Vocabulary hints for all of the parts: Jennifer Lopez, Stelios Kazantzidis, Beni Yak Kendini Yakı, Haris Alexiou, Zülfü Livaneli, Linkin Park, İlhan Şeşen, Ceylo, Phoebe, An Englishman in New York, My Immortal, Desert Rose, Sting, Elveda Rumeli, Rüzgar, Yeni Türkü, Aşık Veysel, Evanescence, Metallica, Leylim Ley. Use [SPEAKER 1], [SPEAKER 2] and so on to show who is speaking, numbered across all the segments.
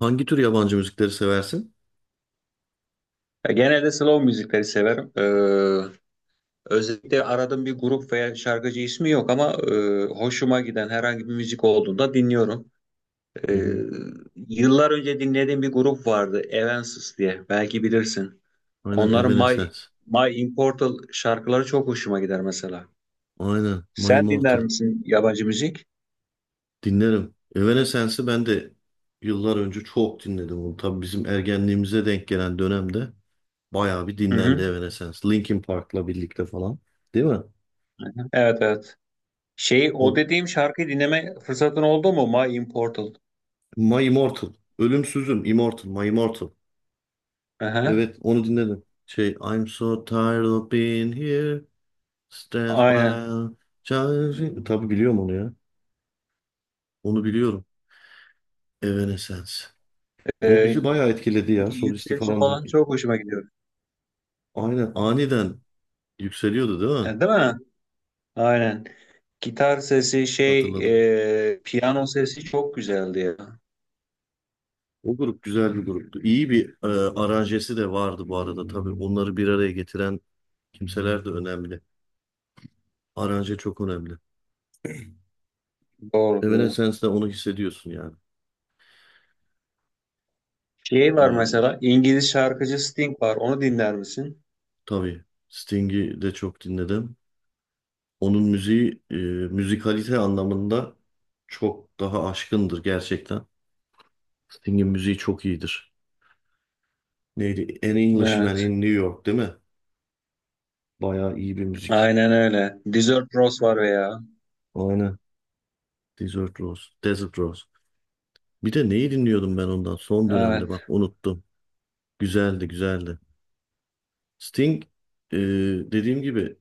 [SPEAKER 1] Hangi tür yabancı müzikleri seversin?
[SPEAKER 2] Ya genelde slow müzikleri severim. Özellikle aradığım bir grup veya şarkıcı ismi yok ama hoşuma giden herhangi bir müzik olduğunda dinliyorum.
[SPEAKER 1] Hı
[SPEAKER 2] Ee,
[SPEAKER 1] hı.
[SPEAKER 2] Yıllar önce dinlediğim bir grup vardı, Evanescence diye. Belki bilirsin.
[SPEAKER 1] Aynen
[SPEAKER 2] Onların My
[SPEAKER 1] Evanescence.
[SPEAKER 2] My Immortal şarkıları çok hoşuma gider mesela.
[SPEAKER 1] Aynen My
[SPEAKER 2] Sen dinler
[SPEAKER 1] Immortal.
[SPEAKER 2] misin yabancı müzik?
[SPEAKER 1] Dinlerim. Evanescence'ı ben de yıllar önce çok dinledim onu. Tabii bizim ergenliğimize denk gelen dönemde bayağı bir
[SPEAKER 2] Hı
[SPEAKER 1] dinlendi
[SPEAKER 2] hı.
[SPEAKER 1] Evanescence. Linkin Park'la birlikte falan. Değil mi?
[SPEAKER 2] Hı hı. Evet, evet. Şey, o
[SPEAKER 1] O
[SPEAKER 2] dediğim şarkıyı dinleme fırsatın oldu mu? My Immortal.
[SPEAKER 1] My Immortal. Ölümsüzüm. Immortal. My Immortal.
[SPEAKER 2] Hı hı.
[SPEAKER 1] Evet onu dinledim. Şey I'm so tired of being here. Stands
[SPEAKER 2] Aynen.
[SPEAKER 1] by. Tabii biliyorum onu ya. Onu biliyorum. Evanescence. O
[SPEAKER 2] Ee,
[SPEAKER 1] bizi bayağı etkiledi ya. Solisti
[SPEAKER 2] Yükselişi
[SPEAKER 1] falan da.
[SPEAKER 2] falan çok hoşuma gidiyor.
[SPEAKER 1] Aynen aniden yükseliyordu değil mi?
[SPEAKER 2] Yani değil mi? Aynen. Gitar sesi şey,
[SPEAKER 1] Hatırladım.
[SPEAKER 2] piyano sesi çok güzeldi ya.
[SPEAKER 1] O grup güzel bir gruptu. İyi bir aranjesi de vardı bu arada tabii. Onları bir araya getiren kimseler de önemli. Aranje çok önemli.
[SPEAKER 2] Doğru, doğru.
[SPEAKER 1] Evanescence'de onu hissediyorsun yani.
[SPEAKER 2] Şey var
[SPEAKER 1] E,
[SPEAKER 2] mesela, İngiliz şarkıcı Sting var. Onu dinler misin?
[SPEAKER 1] tabii Sting'i de çok dinledim. Onun müziği müzikalite anlamında çok daha aşkındır gerçekten. Sting'in müziği çok iyidir. Neydi? An Englishman
[SPEAKER 2] Evet.
[SPEAKER 1] in New York değil mi? Bayağı iyi bir müzik.
[SPEAKER 2] Aynen öyle. Desert Rose var veya.
[SPEAKER 1] Aynen. Desert Rose. Desert Rose. Bir de neyi dinliyordum ben ondan son dönemde bak
[SPEAKER 2] Evet.
[SPEAKER 1] unuttum. Güzeldi güzeldi. Sting e, dediğim gibi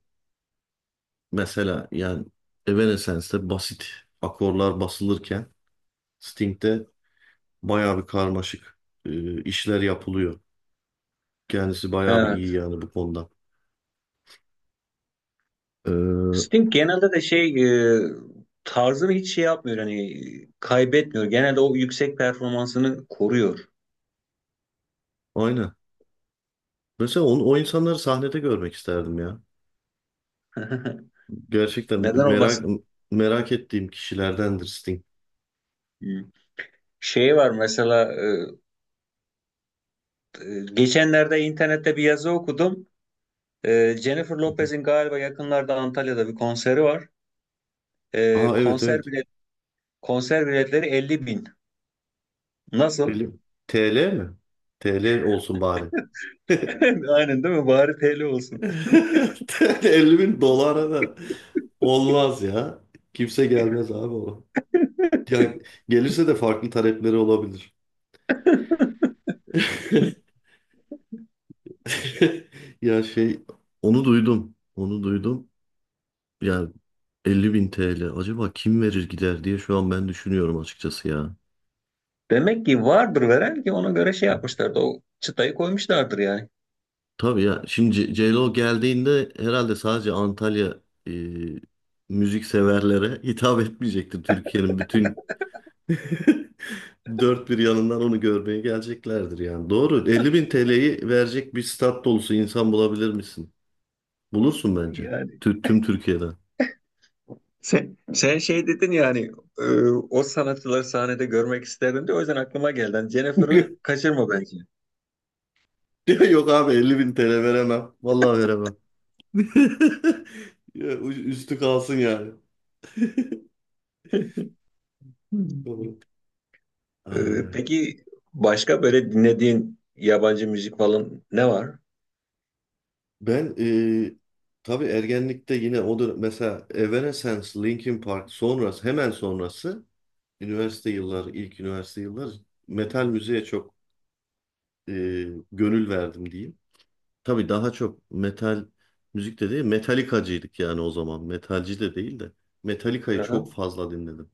[SPEAKER 1] mesela yani Evanescence'de basit akorlar basılırken Sting'de bayağı bir karmaşık işler yapılıyor. Kendisi bayağı bir iyi
[SPEAKER 2] Evet.
[SPEAKER 1] yani bu konuda. E,
[SPEAKER 2] Sting genelde de şey, e, tarzını hiç şey yapmıyor, hani kaybetmiyor. Genelde o yüksek performansını koruyor.
[SPEAKER 1] aynen. Mesela onu, o insanları sahnede görmek isterdim ya. Gerçekten
[SPEAKER 2] Neden
[SPEAKER 1] merak
[SPEAKER 2] olmasın?
[SPEAKER 1] merak ettiğim kişilerdendir Sting.
[SPEAKER 2] Hı. Şey var mesela. Geçenlerde internette bir yazı okudum. Jennifer Lopez'in galiba yakınlarda Antalya'da bir konseri var. Ee,
[SPEAKER 1] Aa, evet,
[SPEAKER 2] konser
[SPEAKER 1] evet.
[SPEAKER 2] bilet konser biletleri 50 bin. Nasıl?
[SPEAKER 1] Öyle. TL mi? TL olsun bari.
[SPEAKER 2] Aynen değil mi? Bari TL olsun.
[SPEAKER 1] TL 50 bin dolara da olmaz ya. Kimse gelmez abi ona. Yani gelirse de farklı talepleri olabilir. Ya şey onu duydum. Onu duydum. Yani 50 bin TL. Acaba kim verir gider diye şu an ben düşünüyorum açıkçası ya.
[SPEAKER 2] Demek ki vardır veren ki ona göre şey yapmışlardı. O çıtayı koymuşlardır yani.
[SPEAKER 1] Tabii ya. Şimdi Ceylo geldiğinde herhalde sadece Antalya e, müzik severlere hitap etmeyecektir. Türkiye'nin bütün dört bir yanından onu görmeye geleceklerdir yani. Doğru. 50.000 TL'yi verecek bir stat dolusu insan bulabilir misin? Bulursun bence.
[SPEAKER 2] Yani
[SPEAKER 1] Tüm Türkiye'den.
[SPEAKER 2] sen şey dedin yani, e, o sanatçıları sahnede görmek isterdim diye o yüzden aklıma geldi. Yani Jennifer'ı kaçırma bence.
[SPEAKER 1] Diyor, Yok abi 50.000 TL veremem. Vallahi veremem. Ya, Üstü kalsın yani.
[SPEAKER 2] Hmm.
[SPEAKER 1] Doğru. Ay, ay.
[SPEAKER 2] Peki başka böyle dinlediğin yabancı müzik falan ne var?
[SPEAKER 1] Ben tabii ergenlikte yine o dönem mesela Evanescence, Linkin Park sonrası hemen sonrası üniversite yılları ilk üniversite yılları metal müziğe çok e, gönül verdim diyeyim. Tabii daha çok metal müzik de değil metalikacıydık yani o zaman metalci de değil de Metallica'yı
[SPEAKER 2] Hı hı.
[SPEAKER 1] çok fazla dinledim.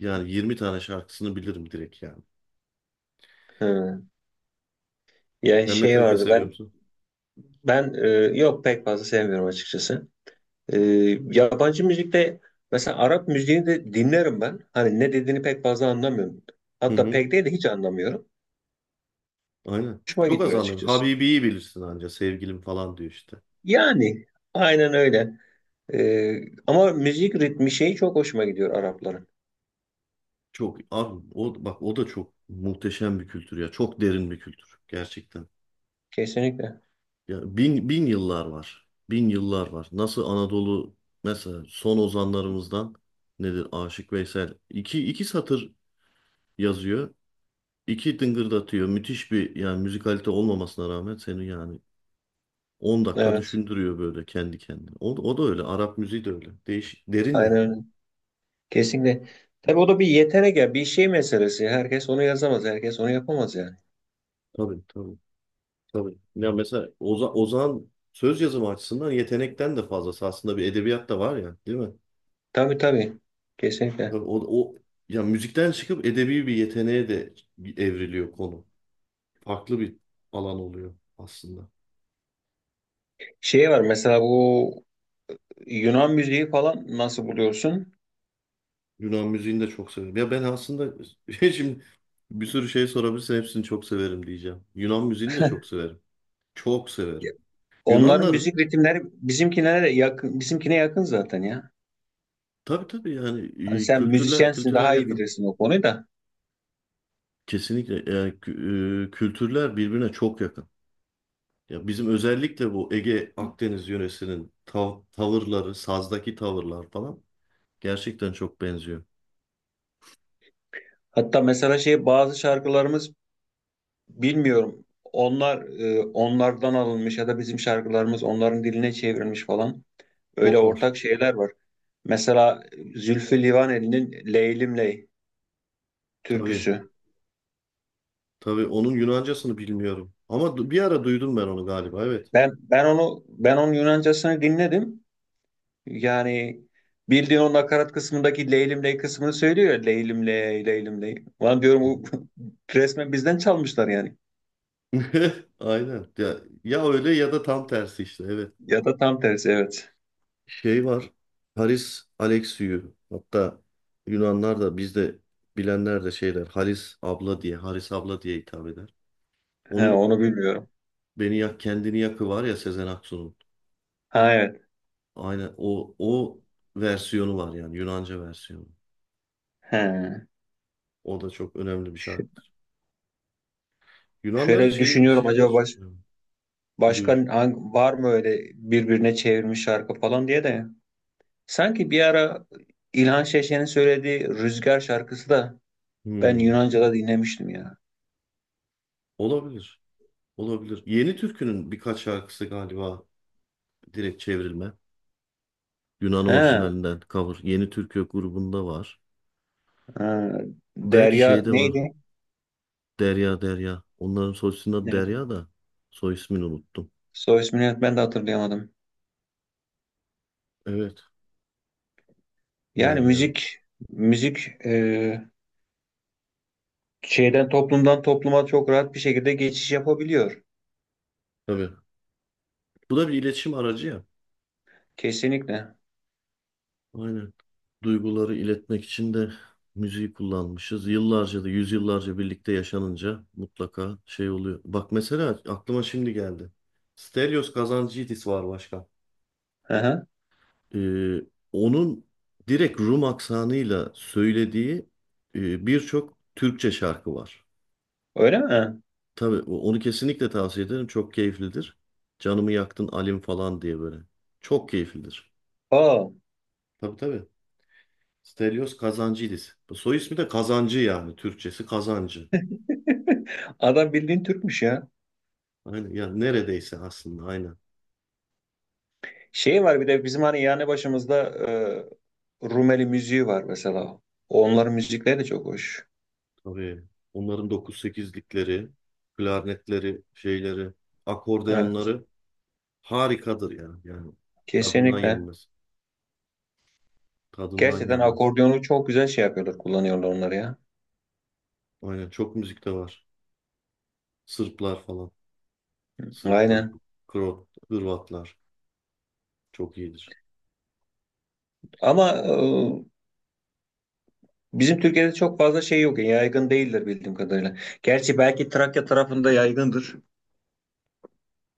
[SPEAKER 1] Yani 20 tane şarkısını bilirim direkt yani.
[SPEAKER 2] Hı. Yani
[SPEAKER 1] Sen
[SPEAKER 2] şey
[SPEAKER 1] Metallica
[SPEAKER 2] vardı,
[SPEAKER 1] seviyor
[SPEAKER 2] ben
[SPEAKER 1] musun?
[SPEAKER 2] ben yok, pek fazla sevmiyorum açıkçası. Ee, Yabancı müzikte mesela Arap müziğini de dinlerim ben. Hani ne dediğini pek fazla anlamıyorum.
[SPEAKER 1] Hı
[SPEAKER 2] Hatta
[SPEAKER 1] hı.
[SPEAKER 2] pek değil de hiç anlamıyorum.
[SPEAKER 1] Aynen.
[SPEAKER 2] Hoşuma
[SPEAKER 1] Çok az
[SPEAKER 2] gidiyor
[SPEAKER 1] anladım.
[SPEAKER 2] açıkçası.
[SPEAKER 1] Habibi'yi bilirsin anca sevgilim falan diyor işte.
[SPEAKER 2] Yani aynen öyle. Ee, Ama müzik ritmi şeyi çok hoşuma gidiyor Arapların.
[SPEAKER 1] Çok abi o bak o da çok muhteşem bir kültür ya. Çok derin bir kültür gerçekten.
[SPEAKER 2] Kesinlikle.
[SPEAKER 1] Ya bin bin yıllar var. Bin yıllar var. Nasıl Anadolu mesela son ozanlarımızdan nedir Aşık Veysel iki iki satır yazıyor. İki dıngırdatıyor. Müthiş bir yani müzikalite olmamasına rağmen seni yani 10 dakika
[SPEAKER 2] Evet.
[SPEAKER 1] düşündürüyor böyle kendi kendine. O, o da öyle. Arap müziği de öyle. Değişik. Derin
[SPEAKER 2] Aynen
[SPEAKER 1] ya.
[SPEAKER 2] öyle. Kesinlikle. Tabii o da bir yetenek ya, bir şey meselesi. Herkes onu yazamaz, herkes onu yapamaz yani.
[SPEAKER 1] Tabii tabii. Tabii. Ya mesela Ozan söz yazımı açısından yetenekten de fazlası aslında bir edebiyat da var ya, değil mi?
[SPEAKER 2] Tabii, tabii. Kesinlikle.
[SPEAKER 1] Tabii o ya müzikten çıkıp edebi bir yeteneğe de evriliyor konu. Farklı bir alan oluyor aslında.
[SPEAKER 2] Şey var mesela, bu Yunan müziği falan nasıl buluyorsun?
[SPEAKER 1] Yunan müziğini de çok severim. Ya ben aslında şimdi bir sürü şey sorabilirsin hepsini çok severim diyeceğim. Yunan müziğini de çok severim. Çok severim.
[SPEAKER 2] Ya, onların
[SPEAKER 1] Yunanların
[SPEAKER 2] müzik ritimleri bizimkine de yakın, bizimkine yakın zaten ya.
[SPEAKER 1] tabii tabii yani
[SPEAKER 2] Hani sen
[SPEAKER 1] kültürler
[SPEAKER 2] müzisyensin,
[SPEAKER 1] kültürler
[SPEAKER 2] daha iyi
[SPEAKER 1] yakın.
[SPEAKER 2] bilirsin o konuyu da.
[SPEAKER 1] Kesinlikle yani kültürler birbirine çok yakın. Ya bizim özellikle bu Ege Akdeniz yöresinin tavırları, sazdaki tavırlar falan gerçekten çok benziyor.
[SPEAKER 2] Hatta mesela şey, bazı şarkılarımız bilmiyorum. Onlar onlardan alınmış ya da bizim şarkılarımız onların diline çevrilmiş falan. Öyle
[SPEAKER 1] Çok var.
[SPEAKER 2] ortak şeyler var. Mesela Zülfü Livaneli'nin Leylim Ley
[SPEAKER 1] Tabii,
[SPEAKER 2] türküsü.
[SPEAKER 1] tabii onun Yunancasını bilmiyorum. Ama bir ara duydum ben onu galiba, evet.
[SPEAKER 2] Ben onun Yunancasını dinledim. Yani bildiğin o nakarat kısmındaki Leylim Ley kısmını söylüyor. Ya, Leylim Ley, Leylim Ley. Lan diyorum,
[SPEAKER 1] Hı
[SPEAKER 2] bu
[SPEAKER 1] hı.
[SPEAKER 2] resmen bizden çalmışlar yani.
[SPEAKER 1] Aynen. Ya, ya öyle ya da tam tersi işte, evet.
[SPEAKER 2] Ya da tam tersi, evet.
[SPEAKER 1] Şey var, Haris Alexiou. Hatta Yunanlar da bizde bilenler de şeyler, Haris abla diye, Haris abla diye hitap eder.
[SPEAKER 2] He,
[SPEAKER 1] Onun
[SPEAKER 2] onu bilmiyorum.
[SPEAKER 1] Beni Yak Kendini Yakı var ya Sezen Aksu'nun.
[SPEAKER 2] Ha, evet.
[SPEAKER 1] Aynen o versiyonu var yani Yunanca versiyonu.
[SPEAKER 2] He.
[SPEAKER 1] O da çok önemli bir
[SPEAKER 2] Ş-
[SPEAKER 1] şarkıdır. Yunanların
[SPEAKER 2] Şöyle
[SPEAKER 1] şey
[SPEAKER 2] düşünüyorum, acaba
[SPEAKER 1] şeyleri çok önemli. Buyur.
[SPEAKER 2] var mı öyle birbirine çevirmiş şarkı falan diye de. Sanki bir ara İlhan Şeşen'in söylediği Rüzgar şarkısı da ben
[SPEAKER 1] Hmm.
[SPEAKER 2] Yunanca'da dinlemiştim ya.
[SPEAKER 1] Olabilir. Olabilir. Yeni Türkü'nün birkaç şarkısı galiba direkt çevrilme. Yunan
[SPEAKER 2] He,
[SPEAKER 1] orijinalinden cover. Yeni Türkü grubunda var.
[SPEAKER 2] ha,
[SPEAKER 1] Belki
[SPEAKER 2] Derya
[SPEAKER 1] şeyde var.
[SPEAKER 2] neydi?
[SPEAKER 1] Derya Derya. Onların soy isminin adı
[SPEAKER 2] Neydi?
[SPEAKER 1] Derya da soy ismini unuttum.
[SPEAKER 2] Soy ismini ben de hatırlayamadım.
[SPEAKER 1] Evet.
[SPEAKER 2] Yani
[SPEAKER 1] Derya.
[SPEAKER 2] müzik şeyden, toplumdan topluma çok rahat bir şekilde geçiş yapabiliyor.
[SPEAKER 1] Tabii. Bu da bir iletişim aracı ya.
[SPEAKER 2] Kesinlikle.
[SPEAKER 1] Aynen. Duyguları iletmek için de müziği kullanmışız. Yıllarca da yüzyıllarca birlikte yaşanınca mutlaka şey oluyor. Bak mesela aklıma şimdi geldi. Stelios Kazantzidis var başkan.
[SPEAKER 2] Hı hı.
[SPEAKER 1] Ee, onun direkt Rum aksanıyla söylediği birçok Türkçe şarkı var.
[SPEAKER 2] Öyle mi?
[SPEAKER 1] Tabii onu kesinlikle tavsiye ederim. Çok keyiflidir. Canımı yaktın Alim falan diye böyle. Çok keyiflidir.
[SPEAKER 2] Aa,
[SPEAKER 1] Tabii tabii. Stelios Kazancıydis. Bu soy ismi de Kazancı yani. Türkçesi Kazancı.
[SPEAKER 2] adam bildiğin Türkmüş ya.
[SPEAKER 1] Aynen. Yani neredeyse aslında aynen.
[SPEAKER 2] Şey var bir de, bizim hani yani başımızda Rumeli müziği var mesela. Onların müzikleri de çok hoş.
[SPEAKER 1] Tabii. Onların dokuz sekizlikleri, klarnetleri, şeyleri,
[SPEAKER 2] Evet,
[SPEAKER 1] akordeonları harikadır yani. Yani tadından
[SPEAKER 2] kesinlikle.
[SPEAKER 1] yenmez. Tadından
[SPEAKER 2] Gerçekten
[SPEAKER 1] yenmez.
[SPEAKER 2] akordiyonu çok güzel şey yapıyorlar, kullanıyorlar onları ya.
[SPEAKER 1] Aynen çok müzik de var. Sırplar falan. Sırplar,
[SPEAKER 2] Aynen.
[SPEAKER 1] Hırvatlar çok iyidir.
[SPEAKER 2] Ama bizim Türkiye'de çok fazla şey yok. Yaygın değildir bildiğim kadarıyla. Gerçi belki Trakya tarafında yaygındır.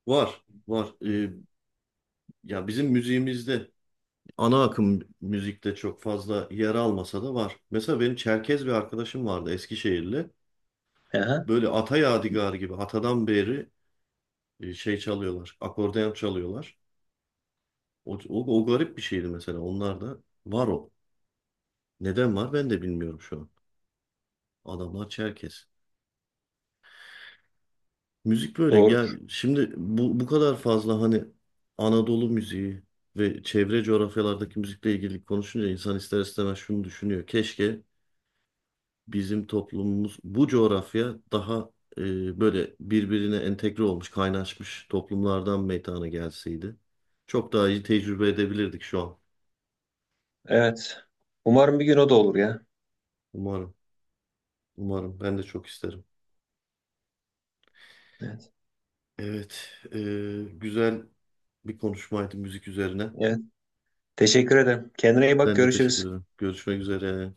[SPEAKER 1] Var, var. Ya bizim müziğimizde ana akım müzikte çok fazla yer almasa da var. Mesela benim Çerkez bir arkadaşım vardı Eskişehirli.
[SPEAKER 2] Aha,
[SPEAKER 1] Böyle ata yadigarı gibi atadan beri şey çalıyorlar. Akordeon çalıyorlar. O garip bir şeydi mesela. Onlar da var o. Neden var ben de bilmiyorum şu an. Adamlar Çerkez. Müzik böyle ya
[SPEAKER 2] doğrudur.
[SPEAKER 1] şimdi bu kadar fazla hani Anadolu müziği ve çevre coğrafyalardaki müzikle ilgili konuşunca insan ister istemez şunu düşünüyor. Keşke bizim toplumumuz bu coğrafya daha böyle birbirine entegre olmuş, kaynaşmış toplumlardan meydana gelseydi çok daha iyi tecrübe edebilirdik şu an.
[SPEAKER 2] Evet. Umarım bir gün o da olur ya.
[SPEAKER 1] Umarım, umarım. Ben de çok isterim.
[SPEAKER 2] Evet.
[SPEAKER 1] Evet, güzel bir konuşmaydı müzik üzerine.
[SPEAKER 2] Evet. Teşekkür ederim. Kendine iyi bak.
[SPEAKER 1] Ben de teşekkür
[SPEAKER 2] Görüşürüz.
[SPEAKER 1] ederim. Görüşmek üzere.